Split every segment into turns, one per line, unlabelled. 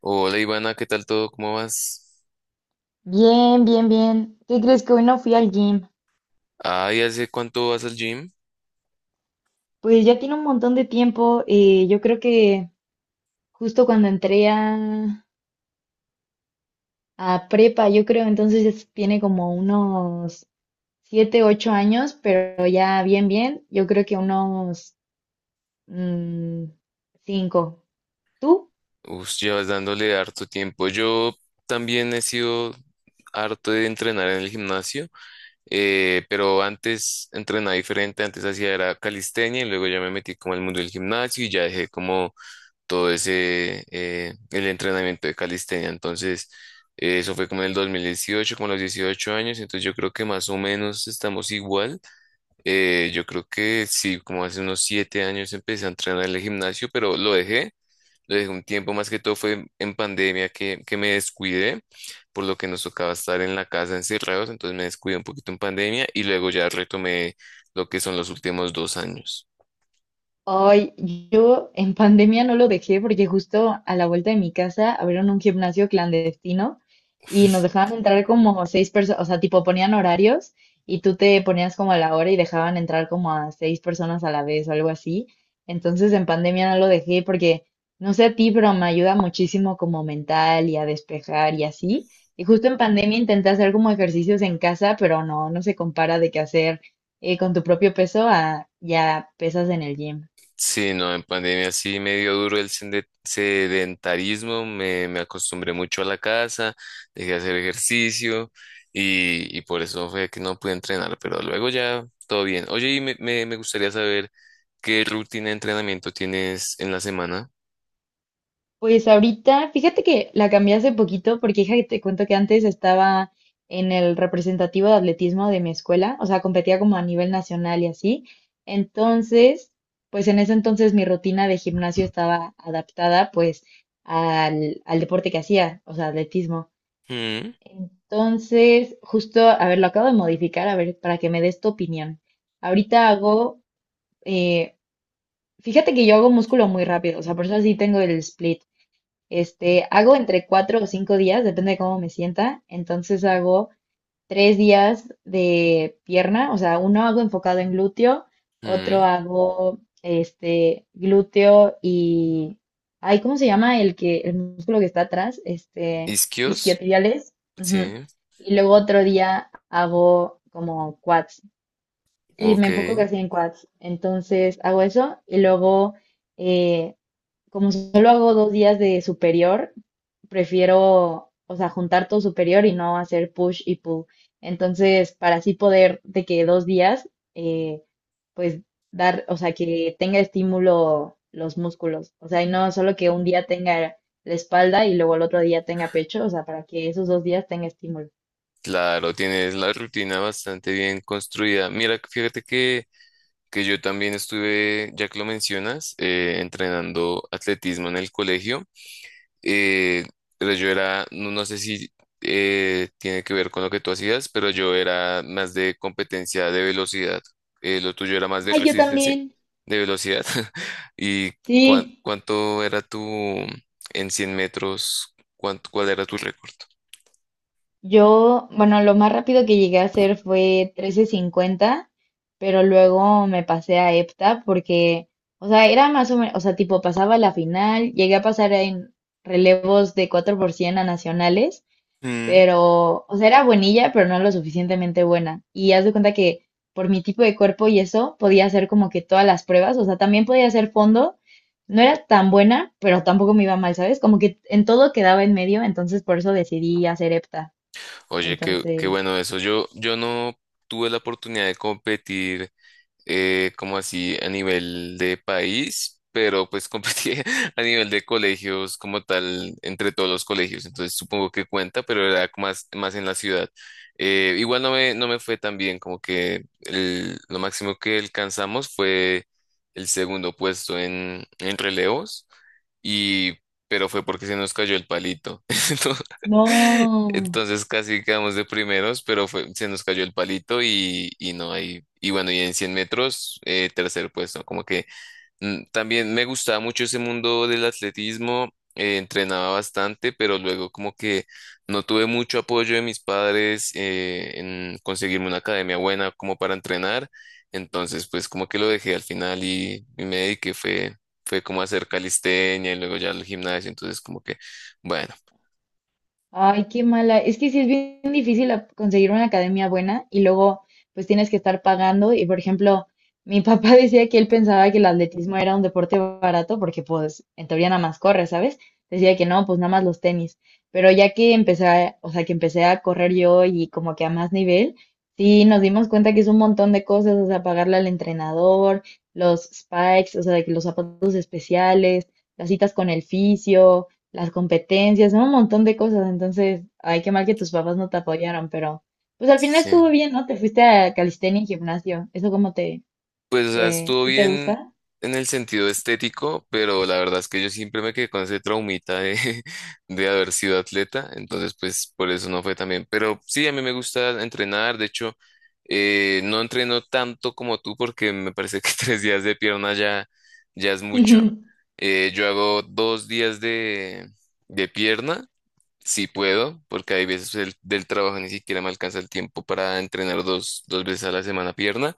Hola Ivana, ¿qué tal todo? ¿Cómo vas?
Bien, bien, bien. ¿Qué crees que hoy no fui al gym?
Ay, ¿hace cuánto vas al gym?
Pues ya tiene un montón de tiempo. Yo creo que justo cuando entré a prepa, yo creo tiene como unos 7, 8 años, pero ya bien, bien. Yo creo que unos mm, cinco. ¿Tú?
Uf, llevas dándole harto tiempo. Yo también he sido harto de entrenar en el gimnasio, pero antes entrenaba diferente, antes hacía era calistenia y luego ya me metí como al mundo del gimnasio y ya dejé como todo ese, el entrenamiento de calistenia. Entonces, eso fue como en el 2018, como a los 18 años, entonces yo creo que más o menos estamos igual. Yo creo que sí, como hace unos 7 años empecé a entrenar en el gimnasio, pero lo dejé un tiempo, más que todo fue en pandemia que me descuidé, por lo que nos tocaba estar en la casa encerrados, entonces me descuidé un poquito en pandemia y luego ya retomé lo que son los últimos 2 años.
Ay, yo en pandemia no lo dejé porque justo a la vuelta de mi casa abrieron un gimnasio clandestino y nos dejaban entrar como seis personas, o sea, tipo ponían horarios y tú te ponías como a la hora y dejaban entrar como a seis personas a la vez o algo así. Entonces en pandemia no lo dejé porque, no sé a ti, pero me ayuda muchísimo como mental y a despejar y así. Y justo en pandemia intenté hacer como ejercicios en casa, pero no, no se compara de qué hacer con tu propio peso a ya pesas en el gym.
Sí, no, en pandemia sí me dio duro el sedentarismo, me acostumbré mucho a la casa, dejé de hacer ejercicio y por eso fue que no pude entrenar, pero luego ya todo bien. Oye, y me gustaría saber qué rutina de entrenamiento tienes en la semana.
Pues ahorita, fíjate que la cambié hace poquito porque hija, te cuento que antes estaba en el representativo de atletismo de mi escuela, o sea, competía como a nivel nacional y así. Entonces, pues en ese entonces mi rutina de gimnasio estaba adaptada pues al deporte que hacía, o sea, atletismo.
Mm,
Entonces, justo, a ver, lo acabo de modificar, a ver, para que me des tu opinión. Ahorita eh, fíjate que yo hago músculo muy rápido, o sea, por eso sí tengo el split. Este, hago entre 4 o 5 días, depende de cómo me sienta. Entonces hago 3 días de pierna, o sea, uno hago enfocado en glúteo, otro
mm.
hago este glúteo y, ay, ¿cómo se llama el que, el músculo que está atrás? Este,
Isquios,
isquiotibiales. Ujú.
sí,
Y luego otro día hago como quads. Sí,
ok,
me enfoco casi en quads. Entonces hago eso y luego eh, como solo hago 2 días de superior, prefiero, o sea, juntar todo superior y no hacer push y pull. Entonces, para así poder de que dos días, eh, pues dar, o sea, que tenga estímulo los músculos. O sea, y no solo que un día tenga la espalda y luego el otro día tenga pecho, o sea, para que esos dos días tenga estímulo.
claro, tienes la rutina bastante bien construida. Mira, fíjate que yo también estuve, ya que lo mencionas, entrenando atletismo en el colegio. Eh, pero yo era, no, no sé si tiene que ver con lo que tú hacías, pero yo era más de competencia de velocidad. Lo tuyo era más de
Ay, yo
resistencia,
también.
de velocidad. ¿Y
Sí.
cuánto era tu, en 100 metros, cuál era tu récord?
Yo, bueno, lo más rápido que llegué a hacer fue trece cincuenta, pero luego me pasé a EPTA porque, o sea, era más o menos, o sea, tipo pasaba la final, llegué a pasar en relevos de 4x100 a nacionales,
Mm.
pero, o sea, era buenilla, pero no lo suficientemente buena. Y haz de cuenta que por mi tipo de cuerpo y eso, podía hacer como que todas las pruebas, o sea, también podía hacer fondo. No era tan buena, pero tampoco me iba mal, ¿sabes? Como que en todo quedaba en medio, entonces por eso decidí hacer EPTA.
Oye, qué
Entonces,
bueno eso. Yo no tuve la oportunidad de competir como así a nivel de país, pero pues competí a nivel de colegios como tal, entre todos los colegios, entonces supongo que cuenta, pero era como más, más en la ciudad. Igual no me fue tan bien, como que lo máximo que alcanzamos fue el segundo puesto en relevos, y, pero fue porque se nos cayó el palito. Entonces,
no.
entonces casi quedamos de primeros, pero fue, se nos cayó el palito y no hay. Y bueno, y en 100 metros, tercer puesto. Como que también me gustaba mucho ese mundo del atletismo, entrenaba bastante, pero luego como que no tuve mucho apoyo de mis padres en conseguirme una academia buena como para entrenar. Entonces, pues como que lo dejé al final y me dediqué, fue como a hacer calistenia y luego ya al gimnasio. Entonces, como que, bueno,
Ay, qué mala. Es que sí es bien difícil conseguir una academia buena y luego pues tienes que estar pagando. Y por ejemplo, mi papá decía que él pensaba que el atletismo era un deporte barato porque pues en teoría nada más corre, ¿sabes? Decía que no, pues nada más los tenis. Pero ya que empecé a, o sea, que empecé a correr yo y como que a más nivel, sí nos dimos cuenta que es un montón de cosas, o sea, pagarle al entrenador, los spikes, o sea, de que los zapatos especiales, las citas con el fisio, las competencias, ¿no? Un montón de cosas. Entonces, ay, qué mal que tus papás no te apoyaron, pero pues al final estuvo
sí.
bien, ¿no? Te fuiste a calistenia y gimnasio. ¿Eso cómo
Pues, o sea, estuvo
sí te
bien
gusta?
en el sentido estético, pero la verdad es que yo siempre me quedé con ese traumita de, de haber sido atleta, entonces pues por eso no fue tan bien. Pero sí, a mí me gusta entrenar, de hecho, no entreno tanto como tú porque me parece que 3 días de pierna ya es mucho. Yo hago 2 días de pierna, si puedo, porque hay veces pues, del trabajo ni siquiera me alcanza el tiempo para entrenar dos veces a la semana pierna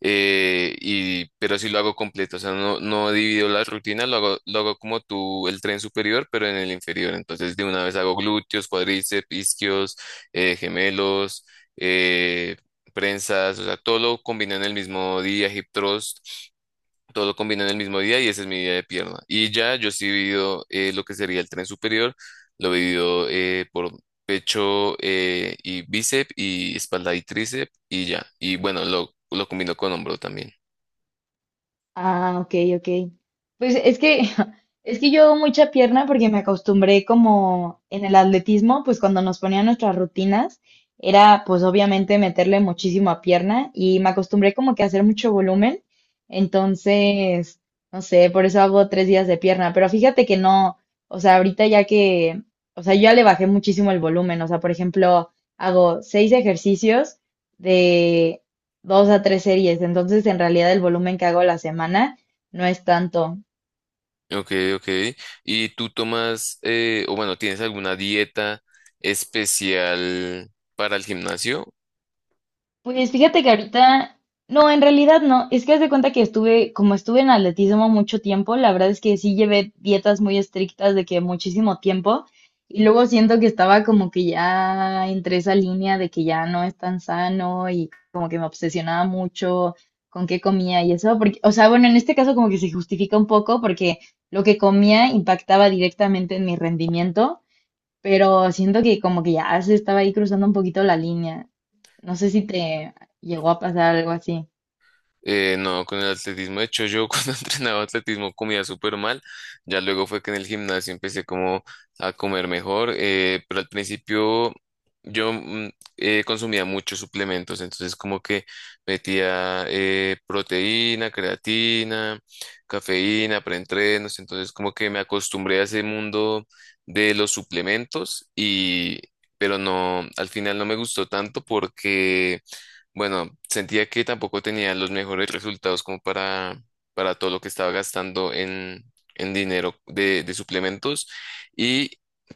pero sí lo hago completo, o sea, no divido la rutina, lo hago como tú, el tren superior, pero en el inferior. Entonces, de una vez hago glúteos, cuádriceps, isquios, gemelos, eh, prensas, o sea, todo lo combino en el mismo día, hip thrust. Todo combina en el mismo día y ese es mi día de pierna. Y ya yo sí divido lo que sería el tren superior, lo divido por pecho y bíceps y espalda y tríceps y ya. Y bueno, lo combino con hombro también.
Ah, ok, ok. Pues es que, es que yo hago mucha pierna porque me acostumbré como en el atletismo, pues cuando nos ponían nuestras rutinas, era pues obviamente meterle muchísimo a pierna y me acostumbré como que a hacer mucho volumen. Entonces, no sé, por eso hago 3 días de pierna. Pero fíjate que no, o sea, ahorita ya que, o sea, yo ya le bajé muchísimo el volumen. O sea, por ejemplo, hago seis ejercicios 2 a 3 series. Entonces, en realidad, el volumen que hago a la semana no es tanto.
Ok, ok. ¿Y tú tomas, o bueno, tienes alguna dieta especial para el gimnasio?
Pues fíjate que ahorita, no, en realidad no. Es que haz de cuenta que como estuve en atletismo mucho tiempo, la verdad es que sí llevé dietas muy estrictas de que muchísimo tiempo. Y luego siento que estaba como que ya entre esa línea de que ya no es tan sano y como que me obsesionaba mucho con qué comía y eso. Porque, o sea, bueno, en este caso como que se justifica un poco porque lo que comía impactaba directamente en mi rendimiento, pero siento que como que ya se estaba ahí cruzando un poquito la línea. No sé si te llegó a pasar algo así.
No, con el atletismo, de hecho yo cuando entrenaba atletismo comía súper mal, ya luego fue que en el gimnasio empecé como a comer mejor, pero al principio yo consumía muchos suplementos, entonces como que metía proteína, creatina, cafeína, preentrenos, entonces como que me acostumbré a ese mundo de los suplementos y. Pero no, al final no me gustó tanto porque bueno, sentía que tampoco tenía los mejores resultados como para todo lo que estaba gastando en dinero de suplementos y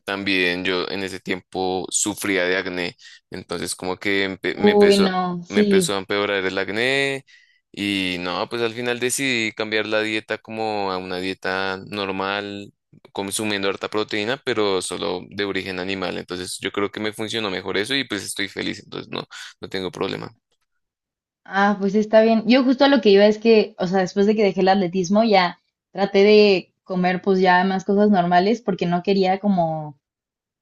también yo en ese tiempo sufría de acné, entonces como que me
Uy,
empezó,
no,
me empezó a
sí.
empeorar el acné y no, pues al final decidí cambiar la dieta como a una dieta normal, consumiendo harta proteína, pero solo de origen animal, entonces yo creo que me funcionó mejor eso y pues estoy feliz, entonces no, no tengo problema.
Ah, pues está bien. Yo justo a lo que iba es que, o sea, después de que dejé el atletismo, ya traté de comer pues ya más cosas normales porque no quería como,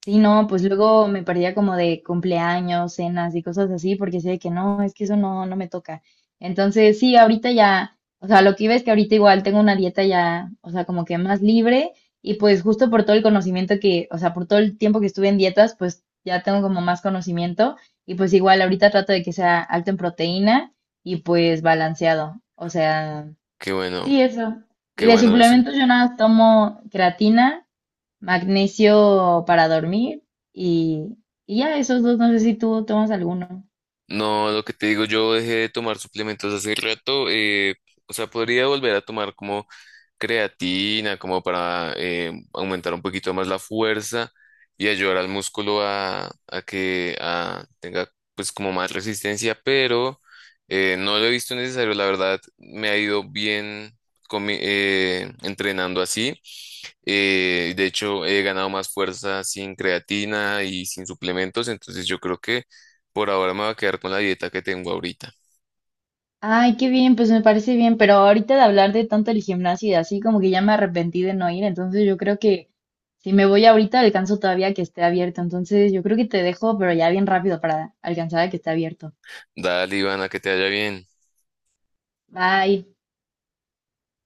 sí, no, pues luego me perdía como de cumpleaños, cenas y cosas así, porque sé que no, es que eso no, no me toca. Entonces, sí, ahorita ya, o sea, lo que iba es que ahorita igual tengo una dieta ya, o sea, como que más libre y pues justo por todo el conocimiento que, o sea, por todo el tiempo que estuve en dietas, pues ya tengo como más conocimiento y pues igual ahorita trato de que sea alto en proteína y pues balanceado. O sea,
Qué bueno,
sí, eso. Y
qué
de
bueno eso.
suplementos yo nada más tomo creatina, magnesio para dormir y, y ya esos dos, no sé si tú tomas alguno.
No, lo que te digo, yo dejé de tomar suplementos hace rato, o sea, podría volver a tomar como creatina como para aumentar un poquito más la fuerza y ayudar al músculo a que tenga pues como más resistencia, pero no lo he visto necesario, la verdad me ha ido bien con entrenando así. De hecho, he ganado más fuerza sin creatina y sin suplementos, entonces yo creo que por ahora me voy a quedar con la dieta que tengo ahorita.
Ay, qué bien, pues me parece bien, pero ahorita de hablar de tanto el gimnasio y así como que ya me arrepentí de no ir, entonces yo creo que si me voy ahorita alcanzo todavía que esté abierto, entonces yo creo que te dejo, pero ya bien rápido para alcanzar a que esté abierto.
Dale, Ivana, que te vaya bien.
Bye.